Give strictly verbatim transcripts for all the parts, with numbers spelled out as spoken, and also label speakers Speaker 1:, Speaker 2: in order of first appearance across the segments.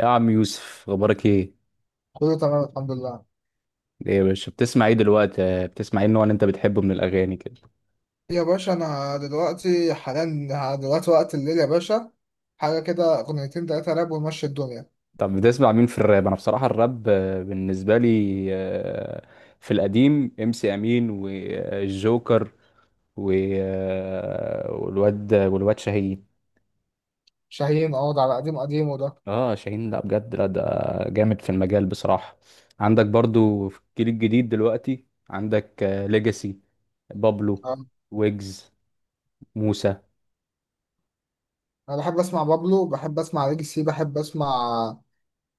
Speaker 1: يا عم يوسف اخبارك ايه؟
Speaker 2: كله تمام، الحمد لله.
Speaker 1: ايه يا باشا بتسمع ايه دلوقتي؟ آه، بتسمع ايه النوع اللي انت بتحبه من الاغاني كده؟
Speaker 2: يا باشا انا دلوقتي حاليا دلوقتي وقت الليل يا باشا. حاجه كده اغنيتين تلاته راب ونمشي الدنيا.
Speaker 1: طب بتسمع مين في الراب؟ انا بصراحه الراب آه، بالنسبه لي آه، في القديم ام سي امين والجوكر و- آه، والواد والواد شاهين.
Speaker 2: شاهين، اقعد على قديم قديم وده.
Speaker 1: اه شاهين، لا بجد، لا ده جامد في المجال بصراحه. عندك برضو في الجيل الجديد دلوقتي، عندك ليجاسي، بابلو،
Speaker 2: آه.
Speaker 1: ويجز، موسى.
Speaker 2: انا بحب اسمع بابلو، بحب اسمع ليجسي، بحب اسمع،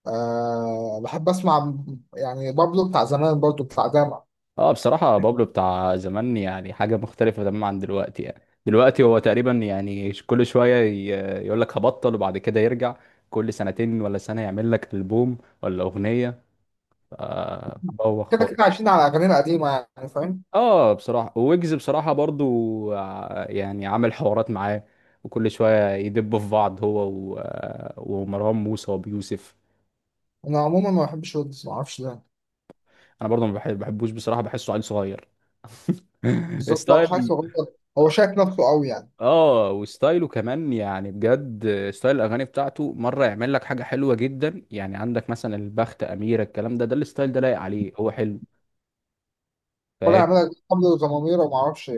Speaker 2: أه بحب اسمع يعني بابلو بتاع زمان برضه بتاع داما.
Speaker 1: اه بصراحة بابلو بتاع زمان يعني حاجة مختلفة تماما عن دلوقتي، يعني دلوقتي هو تقريبا يعني ش- كل شوية ي- يقول لك هبطل وبعد كده يرجع، كل سنتين ولا سنة يعمل لك ألبوم ولا أغنية. آه بوخ
Speaker 2: كده كده
Speaker 1: خالص.
Speaker 2: عايشين على اغاني قديمه، يعني فاهم.
Speaker 1: اه بصراحة ويجز بصراحة برضو ع- يعني عامل حوارات معاه، وكل شوية يدبوا في بعض هو و... آه، ومروان موسى وأبو يوسف.
Speaker 2: انا عموما ما بحبش ويجز، ما اعرفش ليه.
Speaker 1: أنا برضو ما بحب- بحبوش بصراحة، بحسه عيل صغير.
Speaker 2: بالظبط، هو مش عارف
Speaker 1: ستايل.
Speaker 2: يغني، هو شايف نفسه قوي يعني.
Speaker 1: اه وستايله كمان، يعني بجد ستايل الاغاني بتاعته، مره يعمل لك حاجه حلوه جدا، يعني عندك مثلا البخت، اميره، الكلام ده، ده الستايل ده لايق عليه، هو حلو،
Speaker 2: طلع
Speaker 1: فاهم؟
Speaker 2: يعملها قبل ضمامير وما اعرفش.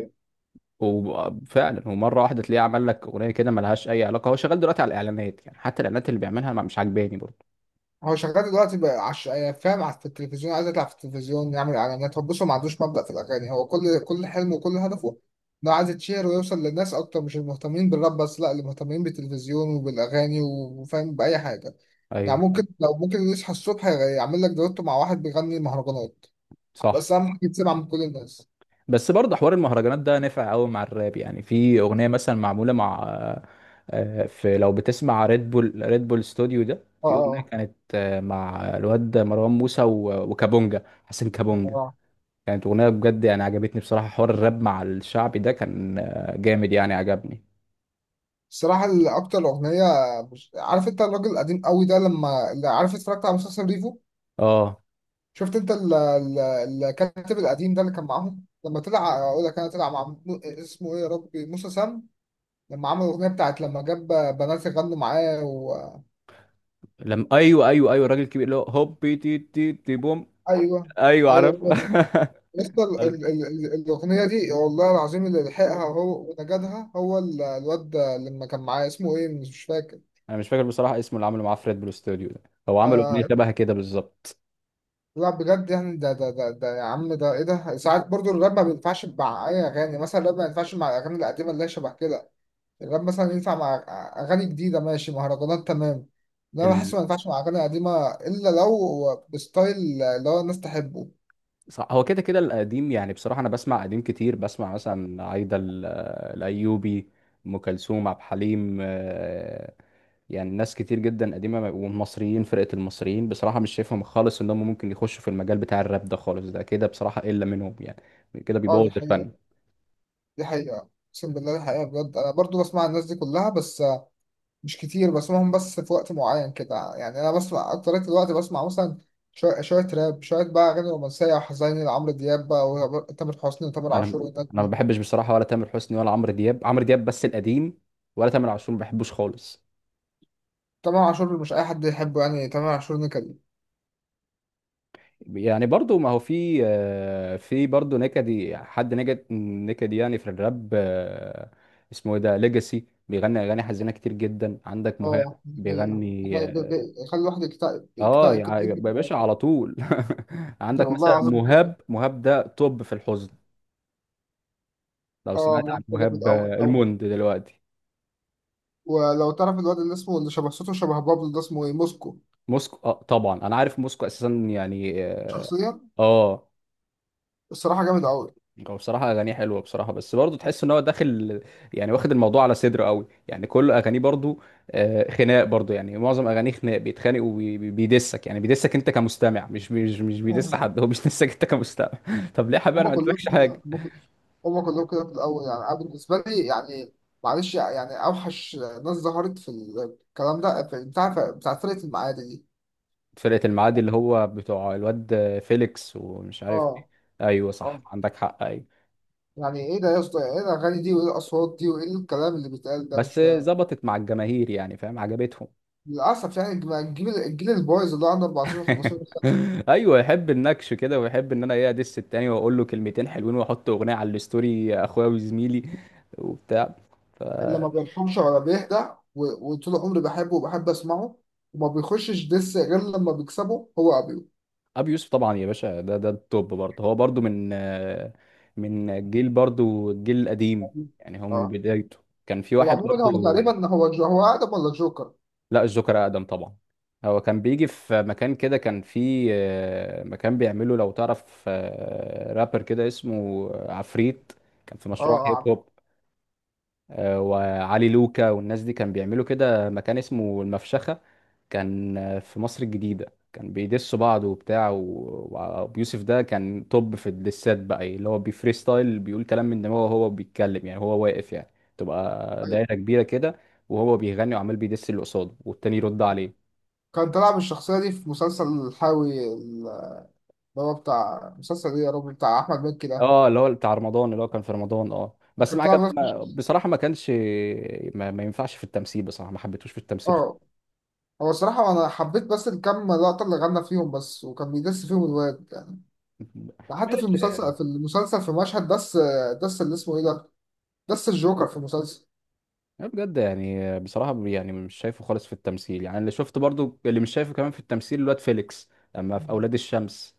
Speaker 1: وفعلا ومره واحده تلاقيه عمل لك اغنيه كده ملهاش اي علاقه، هو شغال دلوقتي على الاعلانات، يعني حتى الاعلانات اللي بيعملها ما- مش عاجباني برضه.
Speaker 2: هو شغال دلوقتي بقى عش... فاهم على- في التلفزيون عايز يطلع في التلفزيون يعمل اعلانات. هو بص، هو ما عندوش مبدأ في الاغاني. هو كل كل حلمه وكل هدفه انه عايز يتشهر ويوصل للناس اكتر، مش المهتمين بالراب بس، لا، اللي مهتمين بالتلفزيون وبالاغاني و- وفاهم باي حاجه. يعني
Speaker 1: ايوه.
Speaker 2: ممكن، لو ممكن يصحى الصبح يعمل لك دويتو مع واحد بيغني مهرجانات،
Speaker 1: صح.
Speaker 2: بس اهم حاجه يتسمع من كل الناس.
Speaker 1: بس برضه حوار المهرجانات ده نفع قوي مع الراب، يعني في اغنيه مثلا معموله مع آه، في، لو بتسمع ريد بول، ريد بول ستوديو ده،
Speaker 2: اه،
Speaker 1: في اغنيه
Speaker 2: اه،
Speaker 1: كانت آه، مع الواد مروان موسى و- وكابونجا، حسن كابونجا.
Speaker 2: اه.
Speaker 1: كانت اغنيه بجد يعني عجبتني بصراحه، حوار الراب مع الشعبي ده كان آه، جامد يعني عجبني.
Speaker 2: الصراحه اللي اكتر اغنيه مش... عارف، انت الراجل القديم قوي ده، لما اللي عارف اتفرجت على مسلسل ريفو،
Speaker 1: اه.
Speaker 2: شفت انت ال- ال- الكاتب القديم ده اللي كان معاهم، لما طلع اقول لك، انا طلع مع م- اسمه ايه يا ربي، موسى سام، لما عمل الاغنيه بتاعت، لما جاب بنات يغنوا معاه و...
Speaker 1: لم ايوه ايوه ايوه، الراجل الكبير اللي هو هوبي تي تي تي بوم.
Speaker 2: ايوه،
Speaker 1: ايوه
Speaker 2: ايوه،
Speaker 1: عارف.
Speaker 2: هو ده. لسه ال-
Speaker 1: عارف.
Speaker 2: ال- ال- ال- الاغنيه دي والله العظيم اللي لحقها هو ونجدها، هو ال- الواد ده لما كان معاه اسمه ايه مش فاكر.
Speaker 1: انا مش فاكر بصراحه اسمه، اللي عمله معاه في ريد بول ستوديو ده، هو عمل اغنيه
Speaker 2: آه،
Speaker 1: شبه كده بالظبط.
Speaker 2: لا بجد يعني، ده ده ده, ده يا عم، ده ايه ده. ساعات برضو الراب ما بينفعش مع اي اغاني، مثلا الراب ما ينفعش مع الاغاني القديمه اللي هي شبه كده. الراب مثلا ينفع مع اغاني جديده ماشي، مهرجانات تمام. انا بحس ما ينفعش مع اغاني قديمه الا لو بستايل اللي هو الناس تحبه.
Speaker 1: صح. هو كده كده القديم، يعني بصراحة أنا بسمع قديم كتير، بسمع مثلا عايدة ال- الأيوبي، أم كلثوم، عبد الحليم آه، يعني ناس كتير جدا قديمة. والمصريين، فرقة المصريين بصراحة مش شايفهم خالص إن هم ممكن يخشوا في المجال بتاع الراب ده خالص، ده كده بصراحة إلا منهم، يعني كده
Speaker 2: اه،
Speaker 1: بيبوظ
Speaker 2: دي حقيقه،
Speaker 1: الفن.
Speaker 2: دي حقيقه، اقسم بالله دي حقيقه بجد. انا برضو بسمع الناس دي كلها بس مش كتير بسمعهم، بس في وقت معين كده يعني. انا بسمع اكترية الوقت، بسمع مثلا شويه شويه راب، شويه بقى اغاني رومانسيه وحزيني لعمرو دياب بقى، وتامر حسني وتامر
Speaker 1: أنا
Speaker 2: عاشور والناس
Speaker 1: أنا ما
Speaker 2: دي.
Speaker 1: بحبش بصراحة ولا تامر حسني ولا عمرو دياب، عمرو دياب بس القديم، ولا تامر عاشور ما بحبوش خالص.
Speaker 2: تامر عاشور مش اي حد يحبه يعني، تامر عاشور نكد.
Speaker 1: يعني برضو ما هو في آه، في برضو نكدي، حد نكد نكدي، يعني في الراب آه، اسمه ايه ده، ليجاسي بيغني اغاني حزينه كتير جدا، عندك مهاب
Speaker 2: اه، دي حقيقة، دي
Speaker 1: بيغني.
Speaker 2: حقيقة. ب- ب- يخلي الواحد يكتئب
Speaker 1: اه آه،
Speaker 2: يكتئب
Speaker 1: يا
Speaker 2: كده،
Speaker 1: يا
Speaker 2: يجري في
Speaker 1: باشا
Speaker 2: حياته.
Speaker 1: على طول.
Speaker 2: ده
Speaker 1: عندك
Speaker 2: والله
Speaker 1: مثلا
Speaker 2: العظيم.
Speaker 1: مهاب، مهاب ده توب في الحزن، لو
Speaker 2: اه،
Speaker 1: سمعت عن
Speaker 2: ممثل جامد
Speaker 1: مهاب
Speaker 2: أوي
Speaker 1: آه،
Speaker 2: أوي.
Speaker 1: الموند دلوقتي.
Speaker 2: ولو تعرف الواد اللي اسمه اللي شبه صوته شبه بابلو ده اسمه ايه، موسكو.
Speaker 1: موسكو، آه طبعا انا عارف موسكو اساسا يعني. اه.
Speaker 2: شخصيا
Speaker 1: آه.
Speaker 2: الصراحة جامد أوي.
Speaker 1: هو بصراحة أغانيه حلوة بصراحة، بس برضه تحس إن هو داخل يعني واخد الموضوع على صدره قوي، يعني كل أغانيه برضه آه، خناق برضه، يعني معظم أغانيه خناق بيتخانق وبيدسك، يعني بيدسك أنت كمستمع، مش مش مش بيدس
Speaker 2: مم.
Speaker 1: حد، هو بيدسك أنت كمستمع. طب ليه يا حبيبي أنا
Speaker 2: هما
Speaker 1: ما
Speaker 2: كلهم
Speaker 1: قلتلكش حاجة.
Speaker 2: كده، هما كل- هما كلهم كده في الأول يعني. أنا بالنسبة لي يعني، معلش يعني، أوحش ناس ظهرت في الكلام ده في بتاع بتاع فرقة المعادي دي.
Speaker 1: فرقة المعادي، اللي هو بتوع الواد فيليكس ومش عارف مين.
Speaker 2: اه،
Speaker 1: أيوه
Speaker 2: اه.
Speaker 1: صح، عندك حق، أيوه.
Speaker 2: يعني ايه ده يا اسطى، ايه ده الأغاني دي، وايه الأصوات دي، وايه الكلام اللي بيتقال ده، مش
Speaker 1: بس
Speaker 2: فاهم.
Speaker 1: ظبطت مع الجماهير، يعني فاهم عجبتهم.
Speaker 2: للأسف يعني، الج- الجيل الجيل البايظ اللي هو عنده أربعتاشر خمستاشر سنة،
Speaker 1: ايوه يحب النكش كده، ويحب ان انا ايه ادس التاني واقول له كلمتين حلوين واحط اغنيه على الستوري، اخويا وزميلي وبتاع. ف،
Speaker 2: اللي ما بيرحمش ولا بيهدى. و- وطول عمري بحبه وبحب أسمعه، وما بيخشش دس غير لما بيكسبه هو، أبيو.
Speaker 1: ابي يوسف طبعا يا باشا، ده ده التوب برضه، هو برضه من آه، من الجيل برضه، الجيل القديم، يعني هو من
Speaker 2: اه.
Speaker 1: بدايته كان في
Speaker 2: هو
Speaker 1: واحد
Speaker 2: عموما، هو
Speaker 1: برضه.
Speaker 2: تقريبا، هو جو هو آدم ولا جوكر.
Speaker 1: لا، الجوكر اقدم طبعا. هو كان بيجي في مكان كده، كان في آه، مكان بيعمله، لو تعرف آه، رابر كده اسمه عفريت، كان في
Speaker 2: اه،
Speaker 1: مشروع هيب
Speaker 2: اه،
Speaker 1: هوب آه، وعلي لوكا والناس دي، كان بيعملوا كده مكان اسمه المفشخة، كان آه، في مصر الجديدة، كان بيدسوا بعض وبتاع، و- وابيوسف ده كان توب في الدسات بقى، إيه، اللي هو بيفريستايل، بيقول كلام من دماغه وهو بيتكلم، يعني هو واقف يعني، تبقى
Speaker 2: أيوه.
Speaker 1: دايرة كبيرة كده وهو بيغني وعمال بيدس اللي قصاده والتاني يرد عليه.
Speaker 2: كان طلع بالشخصية دي في مسلسل الحاوي اللي هو بتاع مسلسل إيه يا رب، بتاع أحمد مكي ده.
Speaker 1: اه، اللي هو بتاع رمضان، اللي هو كان في رمضان، اه
Speaker 2: هو
Speaker 1: بس
Speaker 2: كان
Speaker 1: ما
Speaker 2: طلع
Speaker 1: عجب، ما
Speaker 2: بنفس-
Speaker 1: بصراحة ما كانش، ما, ما ينفعش في التمثيل بصراحة، ما حبيتهوش في التمثيل
Speaker 2: اه،
Speaker 1: خالص.
Speaker 2: هو الصراحة أنا حبيت بس الكام لقطة اللي غنى فيهم بس، وكان بيدس فيهم الواد ده، حتى في المسلسل،
Speaker 1: ماشي.
Speaker 2: في المسلسل في مشهد دس دس، اللي اسمه ايه ده، دس الجوكر في المسلسل.
Speaker 1: لا بجد يعني بصراحة يعني مش شايفه خالص في التمثيل، يعني اللي شفت برضو اللي مش شايفه كمان في التمثيل، الواد فيليكس لما في أولاد الشمس،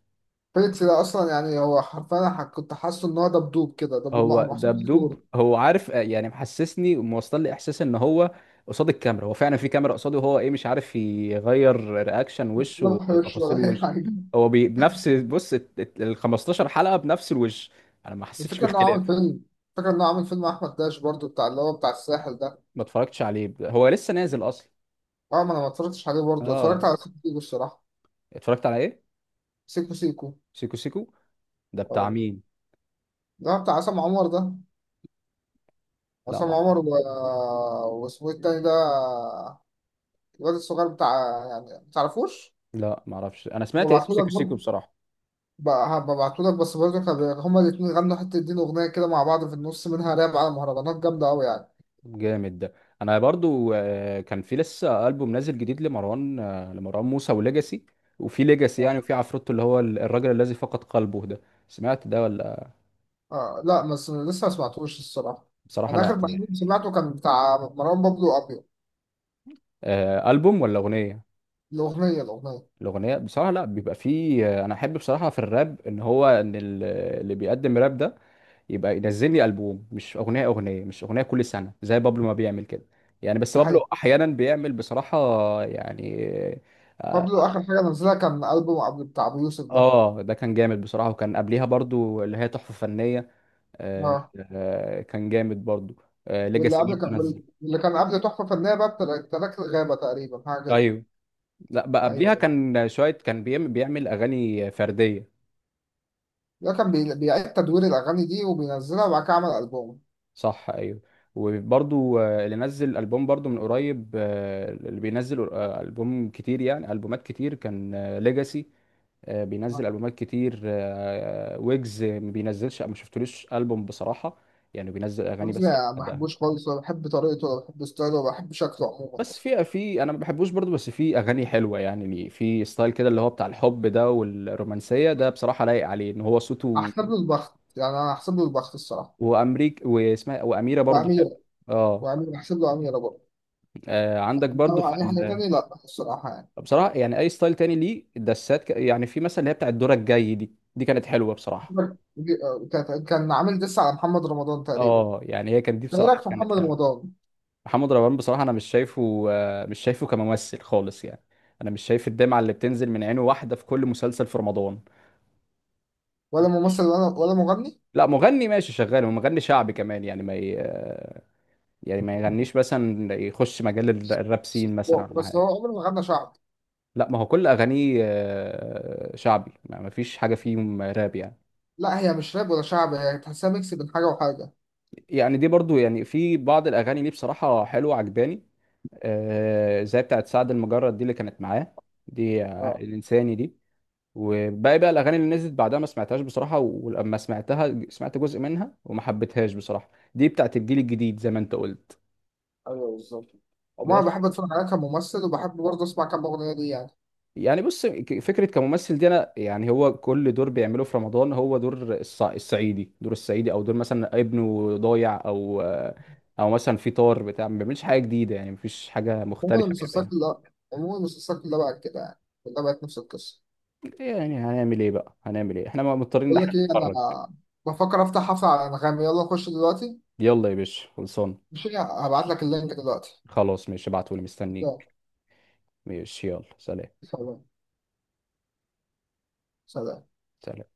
Speaker 2: فيليكس ده اصلا يعني هو حرفيا، أنا ح- كنت حاسه ان هو دبدوب كده، دبدوب مع-
Speaker 1: هو
Speaker 2: محسوب في صوره.
Speaker 1: دبدوب، هو عارف آه، يعني محسسني وموصل لي إحساس إن هو قصاد الكاميرا، هو فعلا في كاميرا قصاده وهو إيه مش عارف يغير رياكشن
Speaker 2: انا
Speaker 1: وشه
Speaker 2: ما بحبش
Speaker 1: وتفاصيل
Speaker 2: ولا اي
Speaker 1: وشه.
Speaker 2: حاجه.
Speaker 1: هو بي- بنفس، بص، ال ال- خمستاشر حلقة بنفس الوش، أنا ما حسيتش
Speaker 2: الفكره انه
Speaker 1: باختلاف.
Speaker 2: عامل فيلم الفكره انه عامل فيلم احمد داش برضو، بتاع اللي هو بتاع الساحل ده.
Speaker 1: ما اتفرجتش عليه، هو لسه نازل أصلا.
Speaker 2: اه، ما انا ما اتفرجتش عليه برضو، اتفرجت
Speaker 1: اه
Speaker 2: على سيكو سيكو الصراحه.
Speaker 1: اتفرجت على إيه؟
Speaker 2: سيكو سيكو.
Speaker 1: سيكو سيكو، ده بتاع
Speaker 2: اه،
Speaker 1: مين؟
Speaker 2: ده بتاع عصام عمر ده.
Speaker 1: لا
Speaker 2: عصام
Speaker 1: ما
Speaker 2: عمر و... واسمه إيه التاني ده، الواد الصغير بتاع، يعني ما تعرفوش؟
Speaker 1: لا ما اعرفش، انا سمعت اسم سيكو
Speaker 2: ببعتهولك
Speaker 1: سيكو
Speaker 2: برضه.
Speaker 1: بصراحه.
Speaker 2: بقى هبعتهولك، بس برضه احنا ب- هما الاتنين غنوا حتة دين أغنية كده مع بعض، في النص منها راب على مهرجانات جامدة أوي يعني.
Speaker 1: جامد ده. انا برضو آه، كان في لسه البوم نازل جديد لمروان آه، لمروان موسى وليجاسي، وفي ليجاسي
Speaker 2: آه.
Speaker 1: يعني، وفي عفروتو اللي هو ال- الراجل الذي فقد قلبه ده، سمعت ده ولا؟
Speaker 2: آه، لا بس لسه ما سمعتوش الصراحة.
Speaker 1: بصراحه
Speaker 2: أنا
Speaker 1: لا
Speaker 2: آخر
Speaker 1: يعني
Speaker 2: تحديد سمعته كان بتاع مروان بابلو وأبيو،
Speaker 1: آه، البوم ولا اغنيه؟
Speaker 2: الأغنية الأغنية.
Speaker 1: الاغنيه بصراحه لا، بيبقى فيه آه، انا احب بصراحه في الراب ان هو ان ال- اللي بيقدم راب ده يبقى ينزل لي البوم، مش اغنيه اغنيه، مش اغنيه كل سنه زي بابلو ما بيعمل كده، يعني بس
Speaker 2: ده
Speaker 1: بابلو
Speaker 2: حقيقي.
Speaker 1: احيانا بيعمل بصراحه يعني آه،
Speaker 2: بابلو آخر حاجة نزلها كان ألبوم قبل بتاع أبو يوسف ده.
Speaker 1: اه ده كان جامد بصراحة، وكان قبليها برضو اللي هي تحفة فنية. آه.
Speaker 2: اه.
Speaker 1: آه كان جامد برضو. آه
Speaker 2: واللي
Speaker 1: ليجاسي برضو
Speaker 2: قبل كان
Speaker 1: نزل.
Speaker 2: واللي كان قبل تحفة فنية بقى بتاع- تراك الغابة تقريبا، حاجة كده.
Speaker 1: ايوه. لا بقى
Speaker 2: أيوه،
Speaker 1: قبليها
Speaker 2: أيوه.
Speaker 1: كان شوية كان بيعمل, بيعمل اغاني فردية.
Speaker 2: ده كان بي- بيعيد تدوير الأغاني دي وبينزلها، وبعد كده عمل ألبوم.
Speaker 1: صح ايوه. وبرضو آه، اللي نزل ألبوم برضو من قريب آه، اللي بينزل آه، ألبوم كتير يعني ألبومات كتير، كان ليجاسي بينزل ألبومات كتير آه، ويجز ما بينزلش، ما شفتلوش ألبوم بصراحة، يعني بينزل أغاني
Speaker 2: رز
Speaker 1: بس
Speaker 2: ما
Speaker 1: لوحدها.
Speaker 2: بحبوش خالص، ولا بحب طريقته، ولا بحب ستايله، ولا بحب شكله عموما
Speaker 1: بس
Speaker 2: اصلا.
Speaker 1: في، في انا ما بحبوش برضو، بس في اغاني حلوه، يعني ليه في ستايل كده اللي هو بتاع الحب ده والرومانسيه ده، بصراحه لايق عليه ان هو صوته،
Speaker 2: احسب له البخت يعني، انا احسب له البخت الصراحه.
Speaker 1: وامريك واسمها، واميره برضو حلو.
Speaker 2: واميره،
Speaker 1: اه
Speaker 2: واميره احسب له اميره برضه.
Speaker 1: آه، عندك برضو
Speaker 2: إنما
Speaker 1: في
Speaker 2: اي حاجه
Speaker 1: ال...
Speaker 2: تانية لا الصراحه يعني.
Speaker 1: بصراحه يعني اي ستايل تاني ليه الدسات ك... يعني في مثلا اللي هي بتاع الدور الجاي دي، دي كانت حلوه بصراحه.
Speaker 2: كان كان عامل دس على محمد رمضان تقريبا.
Speaker 1: اه يعني هي كانت دي
Speaker 2: انت إيه رايك
Speaker 1: بصراحه
Speaker 2: في
Speaker 1: كانت
Speaker 2: محمد
Speaker 1: حلوه.
Speaker 2: رمضان؟
Speaker 1: محمد رمضان بصراحه انا مش شايفه آه، مش شايفه كممثل خالص يعني، انا مش شايف الدمعه اللي بتنزل من عينه واحده في كل مسلسل في رمضان.
Speaker 2: ولا ممثل، ولا ولا مغني.
Speaker 1: لا مغني ماشي شغال، ومغني شعبي كمان يعني، ما ي... يعني ما يغنيش مثلا يخش مجال ال- الراب سين مثلا
Speaker 2: هو-
Speaker 1: ولا
Speaker 2: بس
Speaker 1: حاجه.
Speaker 2: هو عمره ما غنى شعب.
Speaker 1: لا ما هو كل اغانيه آه، شعبي، ما ما فيش حاجه فيهم راب يعني.
Speaker 2: لا، هي مش راب ولا شعب، هي تحسها ميكس بين حاجه وحاجه.
Speaker 1: يعني دي برضو يعني في بعض الاغاني ليه بصراحه حلوه عجباني آه، زي بتاعت سعد المجرد دي اللي كانت معاه، دي آه،
Speaker 2: اه،
Speaker 1: الانساني دي. وباقي بقى الاغاني اللي نزلت بعدها ما سمعتهاش بصراحه، ولما سمعتها سمعت جزء منها وما حبيتهاش بصراحه، دي بتاعت الجيل الجديد زي ما انت قلت.
Speaker 2: ايوه بالظبط. عموما
Speaker 1: بس،
Speaker 2: بحب اتفرج عليها كممثل، وبحب برضه اسمع كام اغنيه ليه يعني.
Speaker 1: يعني بص، ك- فكرة كممثل دي، أنا يعني هو كل دور بيعمله في رمضان هو دور الص- الصعيدي، دور الصعيدي أو دور مثلا ابنه ضايع، أو أو مثلا في طار بتاع، ما بيعملش حاجة جديدة يعني، مفيش حاجة
Speaker 2: عموما
Speaker 1: مختلفة
Speaker 2: المسلسلات
Speaker 1: بيعملها.
Speaker 2: كلها عموما المسلسلات كلها بقت كده يعني، كلها بقت نفس القصة.
Speaker 1: يعني هنعمل إيه بقى، هنعمل إيه، إحنا مضطرين إن
Speaker 2: بقول
Speaker 1: إحنا
Speaker 2: لك إيه، أنا
Speaker 1: نتفرج.
Speaker 2: بفكر أفتح حفلة على أنغامي، يلا نخش دلوقتي.
Speaker 1: يلا يا باشا خلصان.
Speaker 2: مش هبعت لك اللينك دلوقتي.
Speaker 1: خلاص ماشي ابعتولي
Speaker 2: يلا،
Speaker 1: مستنيك. ماشي يلا سلام.
Speaker 2: سلام، سلام.
Speaker 1: سلام.